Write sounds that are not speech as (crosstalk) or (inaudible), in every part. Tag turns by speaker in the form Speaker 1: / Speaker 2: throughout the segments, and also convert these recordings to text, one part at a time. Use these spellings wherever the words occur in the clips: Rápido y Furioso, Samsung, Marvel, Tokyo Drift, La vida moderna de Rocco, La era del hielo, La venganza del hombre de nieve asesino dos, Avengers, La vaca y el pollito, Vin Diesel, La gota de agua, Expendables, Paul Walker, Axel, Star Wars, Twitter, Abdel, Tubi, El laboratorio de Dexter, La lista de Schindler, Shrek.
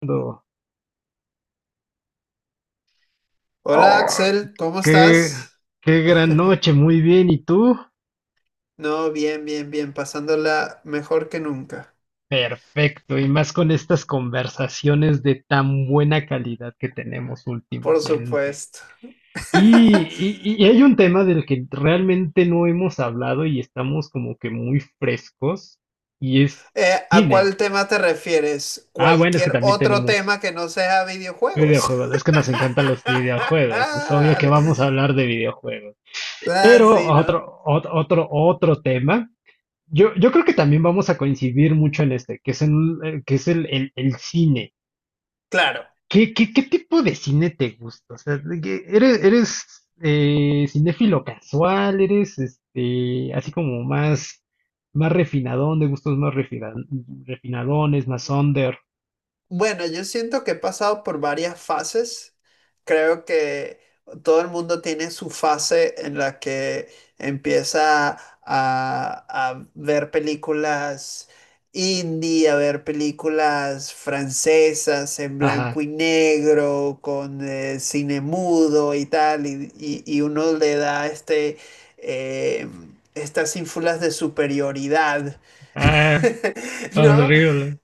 Speaker 1: Fernando.
Speaker 2: Hola
Speaker 1: Ay,
Speaker 2: Axel, ¿cómo
Speaker 1: qué,
Speaker 2: estás?
Speaker 1: qué gran noche, muy bien. ¿Y tú?
Speaker 2: No, bien, pasándola mejor que nunca,
Speaker 1: Perfecto, y más con estas conversaciones de tan buena calidad que tenemos
Speaker 2: por
Speaker 1: últimamente.
Speaker 2: supuesto. (laughs)
Speaker 1: Y hay un tema del que realmente no hemos hablado y estamos como que muy frescos, y es
Speaker 2: ¿A
Speaker 1: cine.
Speaker 2: cuál tema te refieres?
Speaker 1: Ah, bueno, es que
Speaker 2: ¿Cualquier
Speaker 1: también
Speaker 2: otro
Speaker 1: tenemos
Speaker 2: tema que no sea videojuegos?
Speaker 1: videojuegos, es que
Speaker 2: (laughs)
Speaker 1: nos encantan los videojuegos, es obvio
Speaker 2: Ah,
Speaker 1: que vamos a hablar de videojuegos. Pero
Speaker 2: sí, ¿no?
Speaker 1: otro tema. Yo creo que también vamos a coincidir mucho en este, que es, en, que es el cine.
Speaker 2: Claro.
Speaker 1: Qué tipo de cine te gusta? O sea, de que eres cinéfilo casual? ¿Eres este, así como más, más refinadón, de gustos más refinadones, más under?
Speaker 2: Bueno, yo siento que he pasado por varias fases. Creo que todo el mundo tiene su fase en la que empieza a, a ver películas indie, a ver películas francesas en blanco
Speaker 1: Ajá.
Speaker 2: y negro, con cine mudo y tal, y uno le da eh, estas ínfulas de superioridad.
Speaker 1: Ah,
Speaker 2: (laughs) ¿No?
Speaker 1: horrible.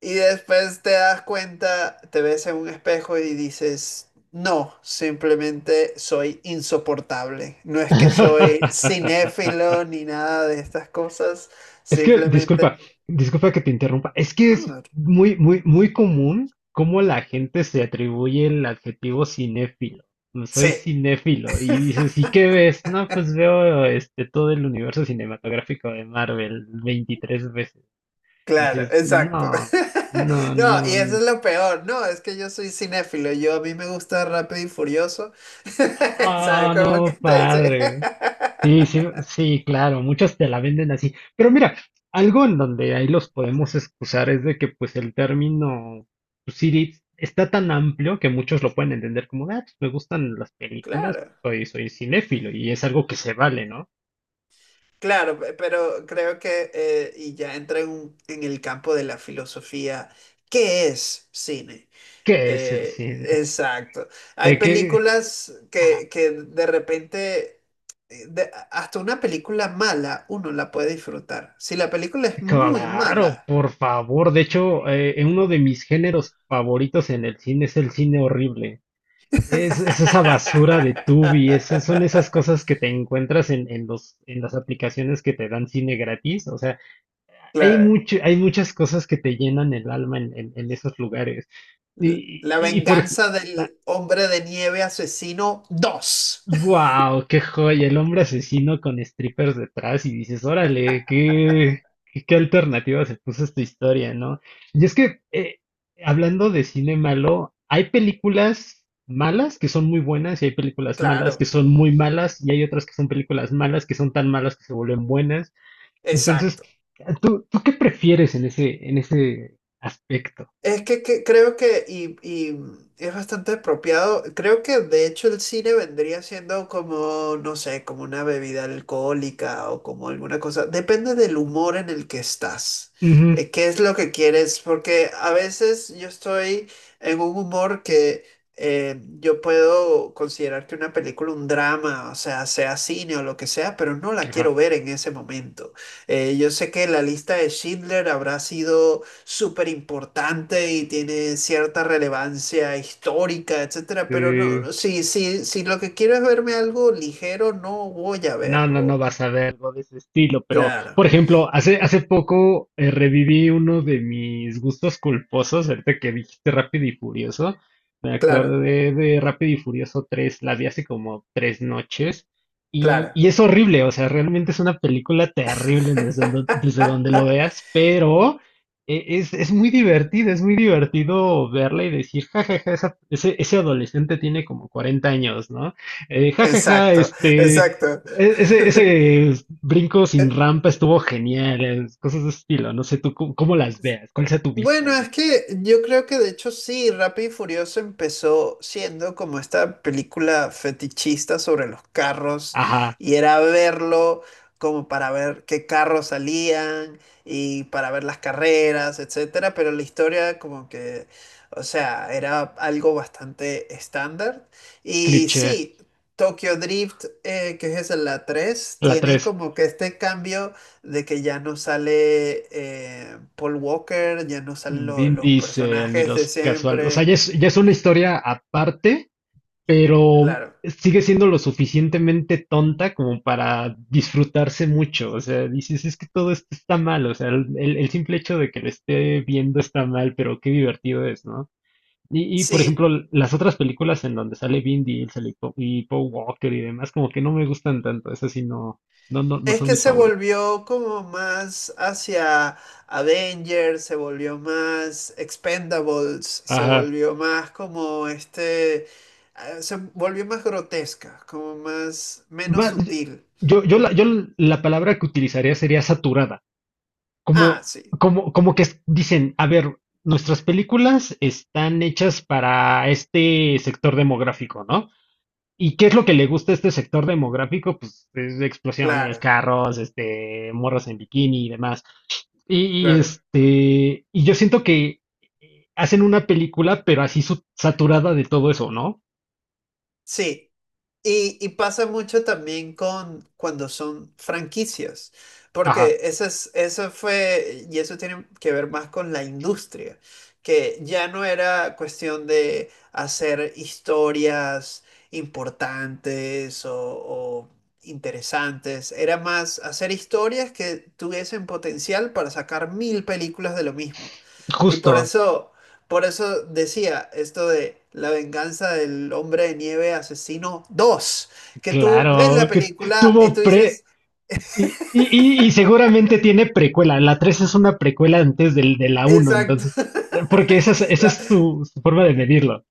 Speaker 2: Y después te das cuenta, te ves en un espejo y dices, no, simplemente soy insoportable. No es que soy
Speaker 1: (laughs)
Speaker 2: cinéfilo ni nada de estas cosas,
Speaker 1: Es que,
Speaker 2: simplemente...
Speaker 1: disculpa, disculpa que te interrumpa. Es que
Speaker 2: No, no.
Speaker 1: es
Speaker 2: no".
Speaker 1: muy, muy, muy común cómo la gente se atribuye el adjetivo cinéfilo. "No soy
Speaker 2: Sí,
Speaker 1: cinéfilo". Y dices, ¿y qué ves? No, pues veo este todo el universo cinematográfico de Marvel 23 veces.
Speaker 2: claro,
Speaker 1: Dices,
Speaker 2: exacto.
Speaker 1: no,
Speaker 2: (laughs)
Speaker 1: no,
Speaker 2: No,
Speaker 1: no,
Speaker 2: y eso
Speaker 1: no,
Speaker 2: es lo peor. No, es que yo soy cinéfilo. Yo a mí me gusta Rápido y Furioso. (laughs) ¿Sabes
Speaker 1: ah,
Speaker 2: cómo que
Speaker 1: no,
Speaker 2: te dice?
Speaker 1: padre. Sí, sí, sí, claro, muchos te la venden así. Pero mira, algo en donde ahí los podemos excusar es de que pues el término pues, Siri está tan amplio que muchos lo pueden entender como, ah, pues, me gustan las
Speaker 2: (laughs)
Speaker 1: películas,
Speaker 2: Claro.
Speaker 1: soy, soy cinéfilo y es algo que se vale, ¿no?
Speaker 2: Pero creo que y ya entra en, en el campo de la filosofía, ¿qué es cine?
Speaker 1: ¿Qué es el
Speaker 2: Eh,
Speaker 1: cine?
Speaker 2: exacto. Hay
Speaker 1: ¿Qué?
Speaker 2: películas
Speaker 1: Ah,
Speaker 2: que de repente, hasta una película mala uno la puede disfrutar. Si la película es muy
Speaker 1: claro,
Speaker 2: mala.
Speaker 1: por favor. De hecho, uno de mis géneros favoritos en el cine es el cine horrible. Es esa basura de Tubi, son esas cosas que
Speaker 2: (laughs)
Speaker 1: te encuentras en los, en las aplicaciones que te dan cine gratis. O sea, hay
Speaker 2: Claro.
Speaker 1: mucho, hay muchas cosas que te llenan el alma en esos lugares. Y,
Speaker 2: La
Speaker 1: y por ejemplo,
Speaker 2: venganza del hombre de nieve asesino dos.
Speaker 1: wow, qué joya, el hombre asesino con strippers detrás y dices, órale, qué alternativa se puso esta historia, ¿no? Y es que, hablando de cine malo, hay películas malas que son muy buenas y hay
Speaker 2: (laughs)
Speaker 1: películas malas que
Speaker 2: Claro,
Speaker 1: son muy malas y hay otras que son películas malas que son tan malas que se vuelven buenas. Entonces,
Speaker 2: exacto.
Speaker 1: tú qué prefieres en ese aspecto?
Speaker 2: Es que creo que es bastante apropiado, creo que de hecho el cine vendría siendo como, no sé, como una bebida alcohólica o como alguna cosa, depende del humor en el que estás,
Speaker 1: Ujú,
Speaker 2: qué es lo que quieres, porque a veces yo estoy en un humor que yo puedo considerar que una película, un drama, o sea, sea cine o lo que sea, pero no la
Speaker 1: ajá.
Speaker 2: quiero ver en ese momento. Yo sé que la lista de Schindler habrá sido súper importante y tiene cierta relevancia histórica, etcétera, pero
Speaker 1: eh,
Speaker 2: si lo que quiero es verme algo ligero, no voy a
Speaker 1: No, no
Speaker 2: verlo.
Speaker 1: vas a ver algo de ese estilo, pero
Speaker 2: Claro,
Speaker 1: por ejemplo, hace, hace poco reviví uno de mis gustos culposos, ahorita que dijiste Rápido y Furioso, me
Speaker 2: claro,
Speaker 1: acordé de Rápido y Furioso tres, la vi hace como tres noches
Speaker 2: claro.
Speaker 1: y es horrible, o sea, realmente es una película terrible desde, desde donde lo
Speaker 2: (laughs)
Speaker 1: veas, pero es muy divertido verla y decir, jajaja, ese adolescente tiene como 40 años, ¿no? Jajaja,
Speaker 2: Exacto,
Speaker 1: este...
Speaker 2: exacto.
Speaker 1: Ese brinco sin
Speaker 2: (laughs)
Speaker 1: rampa estuvo genial, cosas de ese estilo. No sé tú cómo, cómo las veas, cuál sea tu vista
Speaker 2: Bueno, es
Speaker 1: ahí.
Speaker 2: que yo creo que de hecho sí, Rápido y Furioso empezó siendo como esta película fetichista sobre los carros
Speaker 1: Ajá,
Speaker 2: y era verlo como para ver qué carros salían y para ver las carreras, etcétera, pero la historia como o sea, era algo bastante estándar y
Speaker 1: cliché.
Speaker 2: sí, Tokyo Drift, que es la 3,
Speaker 1: La
Speaker 2: tiene
Speaker 1: tres.
Speaker 2: como que este cambio de que ya no sale Paul Walker, ya no salen
Speaker 1: Vin
Speaker 2: los
Speaker 1: Diesel ni
Speaker 2: personajes de
Speaker 1: los casuales. O sea,
Speaker 2: siempre.
Speaker 1: ya es una historia aparte, pero
Speaker 2: Claro.
Speaker 1: sigue siendo lo suficientemente tonta como para disfrutarse mucho. O sea, dices, es que todo esto está mal. O sea, el el simple hecho de que lo esté viendo está mal, pero qué divertido es, ¿no? Y, por ejemplo,
Speaker 2: Sí,
Speaker 1: las otras películas en donde sale Vin Diesel y Paul Walker y demás, como que no me gustan tanto. Esas sí no, no, no, no
Speaker 2: es
Speaker 1: son
Speaker 2: que
Speaker 1: mis
Speaker 2: se
Speaker 1: favoritas.
Speaker 2: volvió como más hacia Avengers, se volvió más Expendables, se
Speaker 1: Ajá.
Speaker 2: volvió más como se volvió más grotesca, como más, menos
Speaker 1: Ma-
Speaker 2: sutil.
Speaker 1: yo la palabra que utilizaría sería saturada.
Speaker 2: Ah,
Speaker 1: Como,
Speaker 2: sí,
Speaker 1: como que dicen, a ver, nuestras películas están hechas para este sector demográfico, ¿no? ¿Y qué es lo que le gusta a este sector demográfico? Pues es explosiones,
Speaker 2: claro,
Speaker 1: carros, este, morras en bikini y demás. Y
Speaker 2: claro.
Speaker 1: este, y yo siento que hacen una película, pero así saturada de todo eso, ¿no?
Speaker 2: Sí. Y pasa mucho también con cuando son franquicias,
Speaker 1: Ajá,
Speaker 2: porque eso fue, y eso tiene que ver más con la industria, que ya no era cuestión de hacer historias importantes o interesantes, era más hacer historias que tuviesen potencial para sacar mil películas de lo mismo. Y por
Speaker 1: justo.
Speaker 2: eso... Por eso decía esto de la venganza del hombre de nieve asesino dos que tú ves la
Speaker 1: Claro, que
Speaker 2: película y
Speaker 1: tuvo
Speaker 2: tú dices,
Speaker 1: pre... Y, y seguramente tiene precuela. La 3 es una precuela antes del, de la uno
Speaker 2: exacto,
Speaker 1: entonces... porque esa
Speaker 2: (laughs) la,
Speaker 1: es su, su forma de medirlo.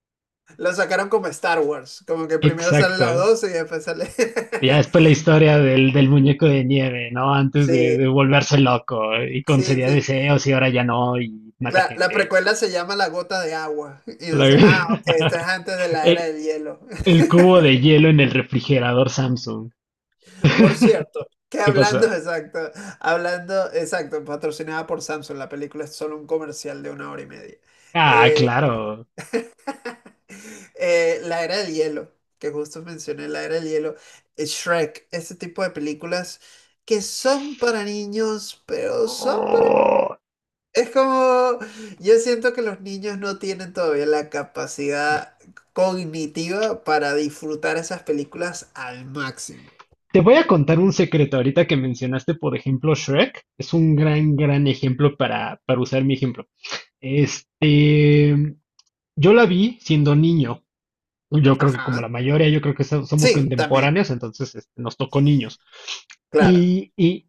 Speaker 2: la sacaron como Star Wars, como que primero sale la
Speaker 1: Exacto.
Speaker 2: 2 y después sale...
Speaker 1: Y ya después
Speaker 2: (laughs)
Speaker 1: la historia del, del muñeco de nieve, ¿no? Antes
Speaker 2: Sí,
Speaker 1: de volverse loco y concedía
Speaker 2: sí.
Speaker 1: deseos y ahora ya no y mata
Speaker 2: La
Speaker 1: gente.
Speaker 2: precuela se llama La gota de agua. Y
Speaker 1: (laughs) La-
Speaker 2: entonces, ah, ok, esto es
Speaker 1: (laughs)
Speaker 2: antes de la era
Speaker 1: Eh,
Speaker 2: del hielo.
Speaker 1: el cubo de hielo en el refrigerador Samsung.
Speaker 2: Por
Speaker 1: (laughs)
Speaker 2: cierto, que
Speaker 1: ¿Qué
Speaker 2: hablando,
Speaker 1: pasó?
Speaker 2: (laughs) exacto, hablando, exacto, patrocinada por Samsung, la película es solo un comercial de una hora y media.
Speaker 1: Ah,
Speaker 2: Eh,
Speaker 1: claro.
Speaker 2: (laughs) la era del hielo, que justo mencioné, la era del hielo, Shrek, ese tipo de películas que son para niños, pero son para...
Speaker 1: Oh.
Speaker 2: Es como, yo siento que los niños no tienen todavía la capacidad cognitiva para disfrutar esas películas al máximo.
Speaker 1: Te voy a contar un secreto ahorita que mencionaste, por ejemplo, Shrek. Es un gran, gran ejemplo para usar mi ejemplo. Este, yo la vi siendo niño. Yo creo que como la
Speaker 2: Ajá.
Speaker 1: mayoría, yo creo que somos
Speaker 2: Sí, también,
Speaker 1: contemporáneos, entonces este, nos tocó niños.
Speaker 2: claro.
Speaker 1: Y, y,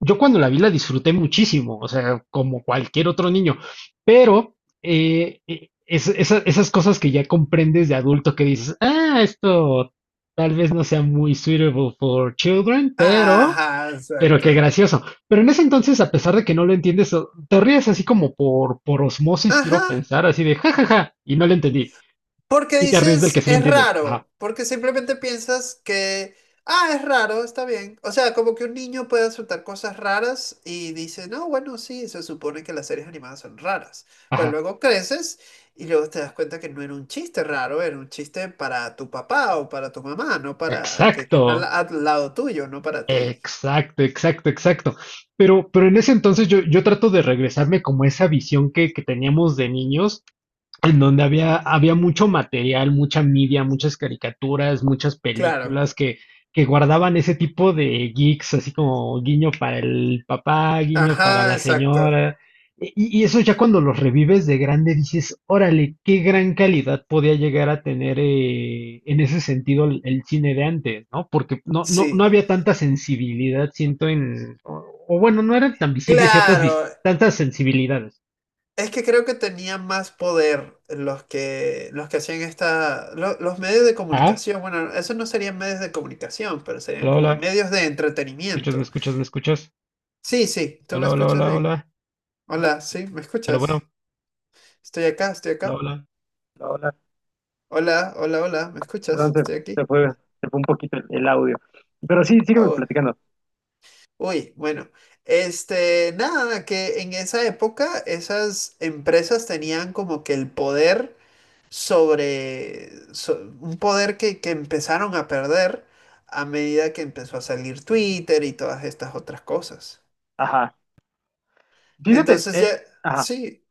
Speaker 1: yo cuando la vi la disfruté muchísimo, o sea, como cualquier otro niño, pero esas cosas que ya comprendes de adulto que dices, ah, esto tal vez no sea muy suitable for children,
Speaker 2: Ajá,
Speaker 1: pero
Speaker 2: exacto.
Speaker 1: qué gracioso. Pero en ese entonces, a pesar de que no lo entiendes, te ríes así como por osmosis,
Speaker 2: Ajá,
Speaker 1: quiero pensar, así de jajaja, y no lo entendí,
Speaker 2: porque
Speaker 1: y te ríes del que
Speaker 2: dices,
Speaker 1: sí lo
Speaker 2: es
Speaker 1: entiendes. Ajá,
Speaker 2: raro, porque simplemente piensas que, ah, es raro, está bien. O sea, como que un niño puede aceptar cosas raras y dice, no, bueno, sí, se supone que las series animadas son raras. Pero
Speaker 1: ajá,
Speaker 2: luego creces y luego te das cuenta que no era un chiste raro, era un chiste para tu papá o para tu mamá, no para que está al,
Speaker 1: exacto.
Speaker 2: al lado tuyo, no para ti.
Speaker 1: Exacto, exacto, exacto. Pero en ese entonces yo trato de regresarme como a esa visión que teníamos de niños en donde había, había mucho material, mucha media, muchas caricaturas, muchas
Speaker 2: Claro.
Speaker 1: películas que guardaban ese tipo de geeks, así como guiño para el papá, guiño para
Speaker 2: Ajá,
Speaker 1: la
Speaker 2: exacto.
Speaker 1: señora. Y eso ya cuando los revives de grande dices, órale, qué gran calidad podía llegar a tener en ese sentido el cine de antes, ¿no? Porque no, no, no
Speaker 2: Sí.
Speaker 1: había tanta sensibilidad, siento, en... O, o bueno, no eran tan visibles ciertas
Speaker 2: Claro,
Speaker 1: tantas sensibilidades.
Speaker 2: es que creo que tenían más poder los que hacían esta, los medios de
Speaker 1: Ah,
Speaker 2: comunicación. Bueno, eso no serían medios de comunicación, pero serían
Speaker 1: hola,
Speaker 2: como
Speaker 1: hola.
Speaker 2: medios de
Speaker 1: ¿Escuchas? ¿Me
Speaker 2: entretenimiento.
Speaker 1: escuchas? ¿Me escuchas?
Speaker 2: Sí, ¿Tú me
Speaker 1: Hola, hola,
Speaker 2: escuchas
Speaker 1: hola,
Speaker 2: bien?
Speaker 1: hola.
Speaker 2: Hola, sí, ¿me
Speaker 1: Bueno, bueno,
Speaker 2: escuchas? Estoy
Speaker 1: hola,
Speaker 2: acá.
Speaker 1: hola. Hola, hola.
Speaker 2: Hola, ¿me
Speaker 1: Perdón,
Speaker 2: escuchas?
Speaker 1: se,
Speaker 2: Estoy aquí.
Speaker 1: se fue, se fue un poquito el audio. Pero sí, sígueme
Speaker 2: Oh,
Speaker 1: platicando.
Speaker 2: uy, bueno. Este, nada, que en esa época esas empresas tenían como que el poder sobre un poder que empezaron a perder a medida que empezó a salir Twitter y todas estas otras cosas.
Speaker 1: Ajá. Fíjate,
Speaker 2: Entonces ya,
Speaker 1: ajá.
Speaker 2: sí,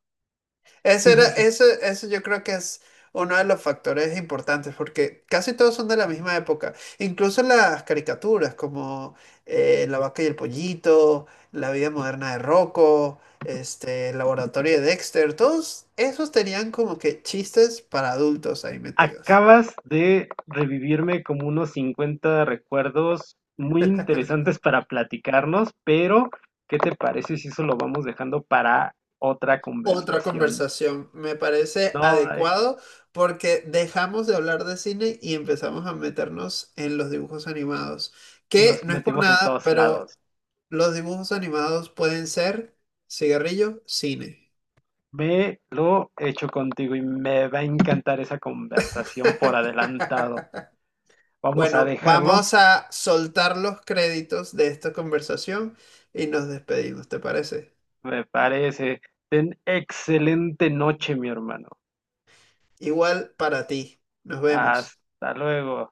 Speaker 1: Sí, sí, sí.
Speaker 2: eso yo creo que es uno de los factores importantes porque casi todos son de la misma época. Incluso las caricaturas como La vaca y el pollito, La vida moderna de Rocco. Este, el laboratorio de Dexter, todos esos tenían como que chistes para adultos ahí metidos.
Speaker 1: Acabas de revivirme como unos 50 recuerdos muy interesantes para platicarnos, pero ¿qué te parece si eso lo vamos dejando para otra
Speaker 2: Otra
Speaker 1: conversación?
Speaker 2: conversación. Me parece
Speaker 1: No,
Speaker 2: adecuado porque dejamos de hablar de cine y empezamos a meternos en los dibujos animados, que
Speaker 1: nos
Speaker 2: no es por
Speaker 1: metimos en
Speaker 2: nada,
Speaker 1: todos lados.
Speaker 2: pero los dibujos animados pueden ser cigarrillo, cine.
Speaker 1: Ve lo hecho contigo y me va a encantar esa conversación por adelantado.
Speaker 2: (laughs)
Speaker 1: Vamos a
Speaker 2: Bueno,
Speaker 1: dejarlo,
Speaker 2: vamos a soltar los créditos de esta conversación y nos despedimos, ¿te parece?
Speaker 1: me parece. Ten excelente noche, mi hermano.
Speaker 2: Igual para ti. Nos vemos.
Speaker 1: Hasta luego.